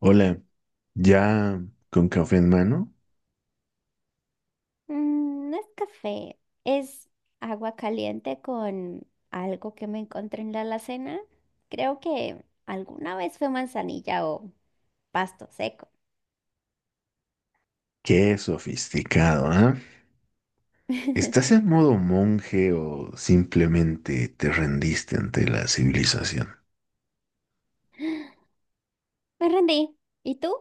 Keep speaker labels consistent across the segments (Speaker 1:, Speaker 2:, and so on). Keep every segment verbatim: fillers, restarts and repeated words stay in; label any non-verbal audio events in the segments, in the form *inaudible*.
Speaker 1: Hola, ya con café en mano.
Speaker 2: Mm, no es café, es agua caliente con algo que me encontré en la alacena. Creo que alguna vez fue manzanilla o pasto seco.
Speaker 1: Qué sofisticado, ¿ah? ¿Estás en
Speaker 2: *laughs*
Speaker 1: modo monje o simplemente te rendiste ante la civilización?
Speaker 2: Me rendí. ¿Y tú?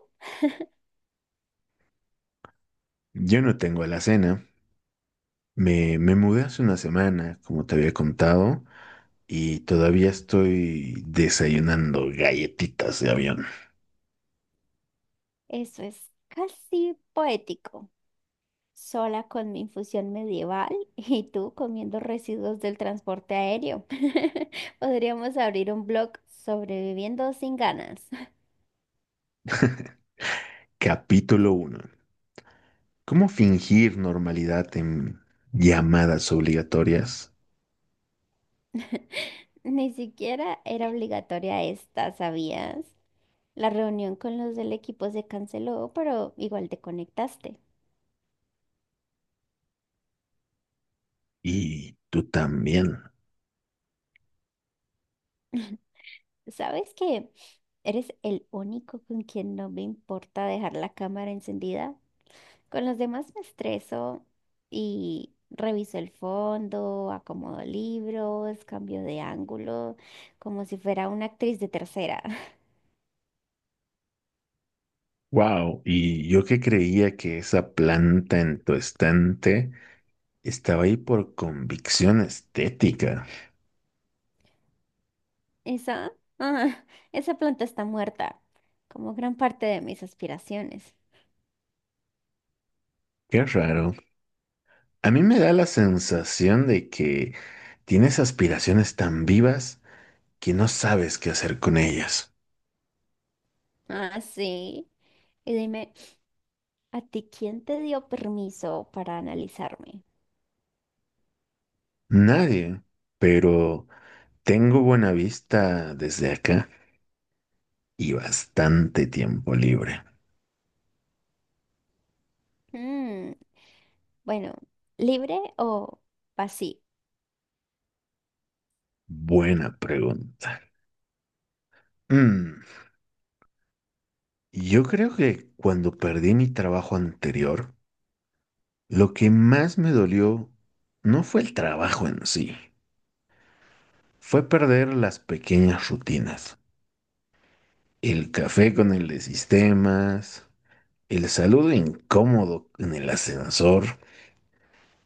Speaker 1: Yo no tengo alacena. Me, me mudé hace una semana, como te había contado, y todavía estoy desayunando galletitas de avión.
Speaker 2: Eso es casi poético. Sola con mi infusión medieval *laughs* y tú comiendo residuos del transporte aéreo. *laughs* Podríamos abrir un blog sobreviviendo sin ganas. *laughs*
Speaker 1: Capítulo uno: ¿cómo fingir normalidad en llamadas obligatorias?
Speaker 2: Ni siquiera era obligatoria esta, ¿sabías? La reunión con los del equipo se canceló, pero igual te conectaste.
Speaker 1: Y tú también.
Speaker 2: ¿Sabes que eres el único con quien no me importa dejar la cámara encendida? Con los demás me estreso y reviso el fondo, acomodo libros, cambio de ángulo, como si fuera una actriz de tercera. *laughs*
Speaker 1: Wow, y yo que creía que esa planta en tu estante estaba ahí por convicción estética.
Speaker 2: Esa, ah, esa planta está muerta, como gran parte de mis aspiraciones.
Speaker 1: Qué raro. A mí me da la sensación de que tienes aspiraciones tan vivas que no sabes qué hacer con ellas.
Speaker 2: Ah, sí. Y dime. ¿A ti quién te dio permiso para analizarme?
Speaker 1: Nadie, pero tengo buena vista desde acá y bastante tiempo libre.
Speaker 2: Mm, bueno, libre o vacío.
Speaker 1: Buena pregunta. Mm, yo creo que cuando perdí mi trabajo anterior, lo que más me dolió no fue el trabajo en sí, fue perder las pequeñas rutinas. El café con el de sistemas, el saludo incómodo en el ascensor,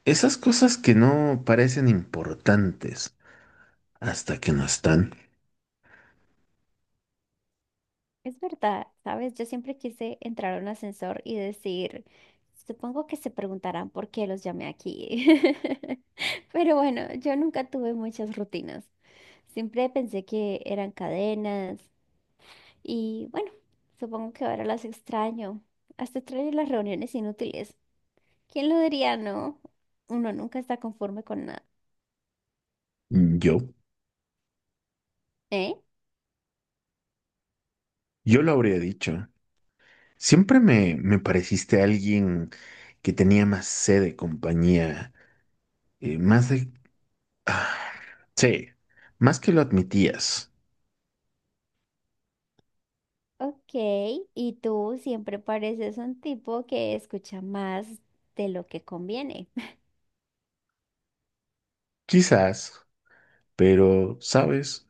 Speaker 1: esas cosas que no parecen importantes hasta que no están.
Speaker 2: Es verdad, ¿sabes? Yo siempre quise entrar a un ascensor y decir, supongo que se preguntarán por qué los llamé aquí. *laughs* Pero bueno, yo nunca tuve muchas rutinas. Siempre pensé que eran cadenas y bueno, supongo que ahora las extraño. Hasta extraño las reuniones inútiles. ¿Quién lo diría, no? Uno nunca está conforme con nada.
Speaker 1: Yo,
Speaker 2: ¿Eh?
Speaker 1: yo lo habría dicho. Siempre me, me pareciste alguien que tenía más sed de compañía, eh, más de... ah, sí, más que lo admitías.
Speaker 2: Ok, y tú siempre pareces un tipo que escucha más de lo que conviene.
Speaker 1: Quizás, pero, ¿sabes?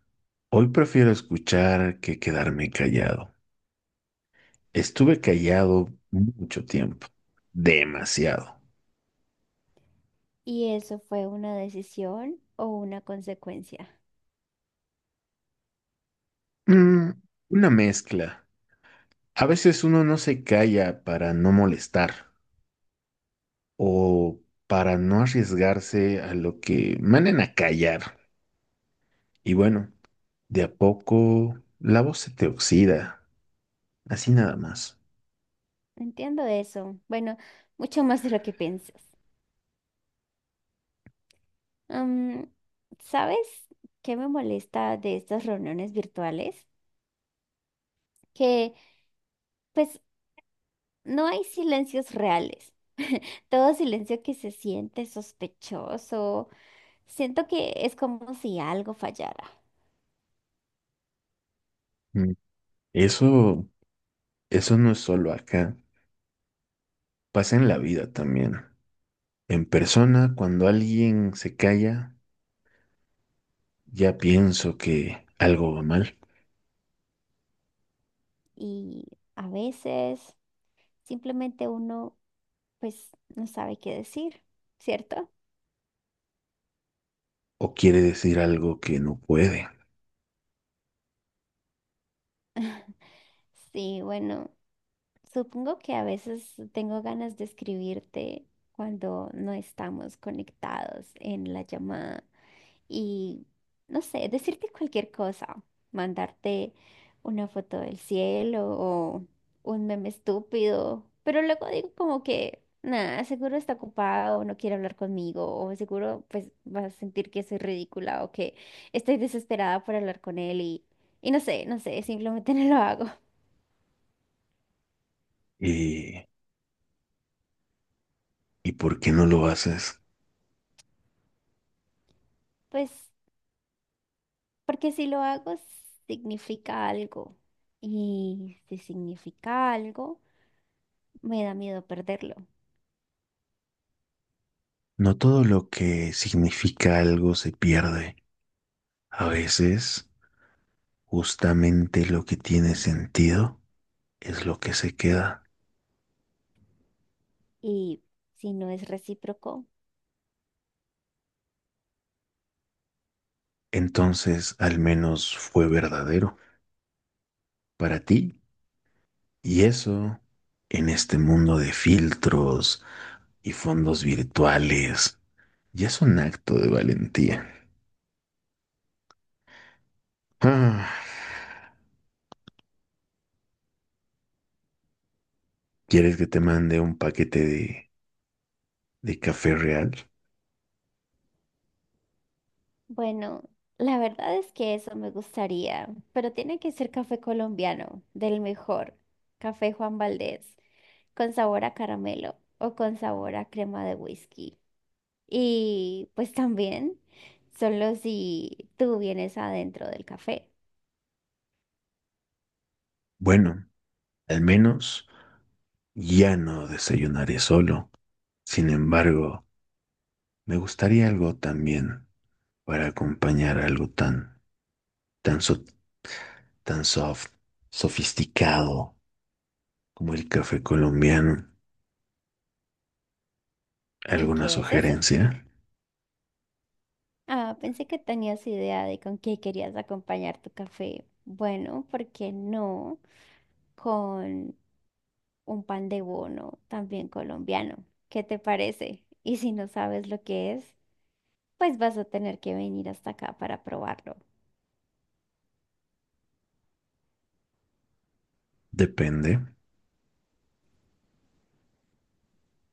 Speaker 1: Hoy prefiero escuchar que quedarme callado. Estuve callado mucho tiempo, demasiado.
Speaker 2: *laughs* ¿Y eso fue una decisión o una consecuencia?
Speaker 1: Mm, una mezcla. A veces uno no se calla para no molestar o para no arriesgarse a lo que manden a callar. Y bueno, de a poco la voz se te oxida, así nada más.
Speaker 2: Entiendo eso. Bueno, mucho más de lo que piensas. Am, ¿sabes qué me molesta de estas reuniones virtuales? Que pues no hay silencios reales. *laughs* Todo silencio que se siente sospechoso. Siento que es como si algo fallara.
Speaker 1: Mm, Eso, eso no es solo acá, pasa en la vida también. En persona, cuando alguien se calla, ya pienso que algo va mal
Speaker 2: Y a veces simplemente uno pues no sabe qué decir, ¿cierto?
Speaker 1: o quiere decir algo que no puede.
Speaker 2: Sí, bueno, supongo que a veces tengo ganas de escribirte cuando no estamos conectados en la llamada. Y, no sé, decirte cualquier cosa, mandarte una foto del cielo o un meme estúpido, pero luego digo como que, nada, seguro está ocupado o no quiere hablar conmigo o seguro pues vas a sentir que soy ridícula o que estoy desesperada por hablar con él y, y no sé, no sé, simplemente *laughs* no lo hago.
Speaker 1: ¿Y, ¿y por qué no lo haces?
Speaker 2: Pues porque si lo hago significa algo y si significa algo, me da miedo perderlo.
Speaker 1: No todo lo que significa algo se pierde. A veces, justamente lo que tiene sentido es lo que se queda.
Speaker 2: Y si no es recíproco,
Speaker 1: Entonces, al menos fue verdadero para ti. Y eso, en este mundo de filtros y fondos virtuales, ya es un acto de valentía. Ah, ¿quieres que te mande un paquete de, de café real?
Speaker 2: bueno, la verdad es que eso me gustaría, pero tiene que ser café colombiano, del mejor, café Juan Valdez, con sabor a caramelo o con sabor a crema de whisky. Y pues también, solo si tú vienes adentro del café.
Speaker 1: Bueno, al menos ya no desayunaré solo. Sin embargo, me gustaría algo también para acompañar algo tan, tan, so- tan soft, sofisticado como el café colombiano.
Speaker 2: ¿Y
Speaker 1: ¿Alguna
Speaker 2: qué es eso?
Speaker 1: sugerencia?
Speaker 2: Ah, pensé que tenías idea de con qué querías acompañar tu café. Bueno, ¿por qué no? Con un pan de bono también colombiano. ¿Qué te parece? Y si no sabes lo que es, pues vas a tener que venir hasta acá para probarlo.
Speaker 1: Depende.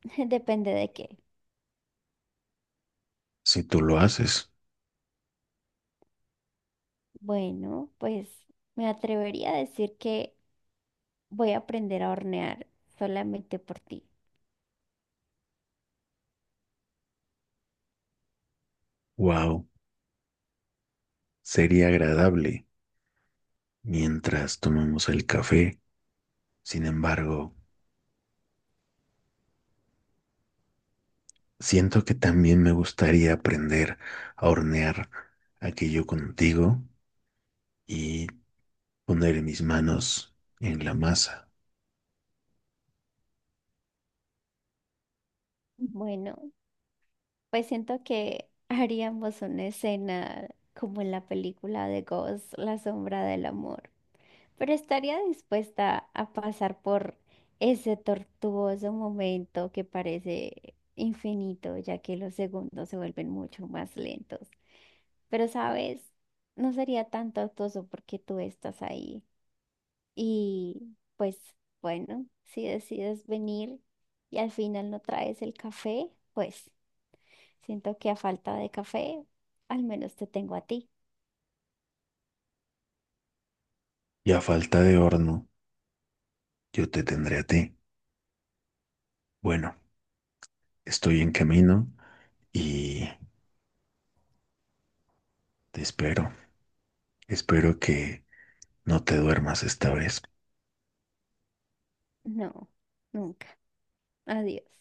Speaker 2: *laughs* Depende de qué.
Speaker 1: Si tú lo haces,
Speaker 2: Bueno, pues me atrevería a decir que voy a aprender a hornear solamente por ti.
Speaker 1: wow, sería agradable mientras tomamos el café. Sin embargo, siento que también me gustaría aprender a hornear aquello contigo y poner mis manos en la masa.
Speaker 2: Bueno, pues siento que *laughs* haríamos una escena como en la película de Ghost, La sombra del amor. Pero estaría dispuesta a pasar por ese tortuoso momento que parece infinito, ya que los segundos se vuelven mucho más lentos. Pero, ¿sabes? No sería tan tortuoso porque tú estás ahí. Y pues bueno, si decides venir y al final no traes el café, pues siento que a falta de café, al menos te tengo a ti.
Speaker 1: Y a falta de horno, yo te tendré a ti. Bueno, estoy en camino y te espero. Espero que no te duermas esta vez.
Speaker 2: No, nunca. Adiós.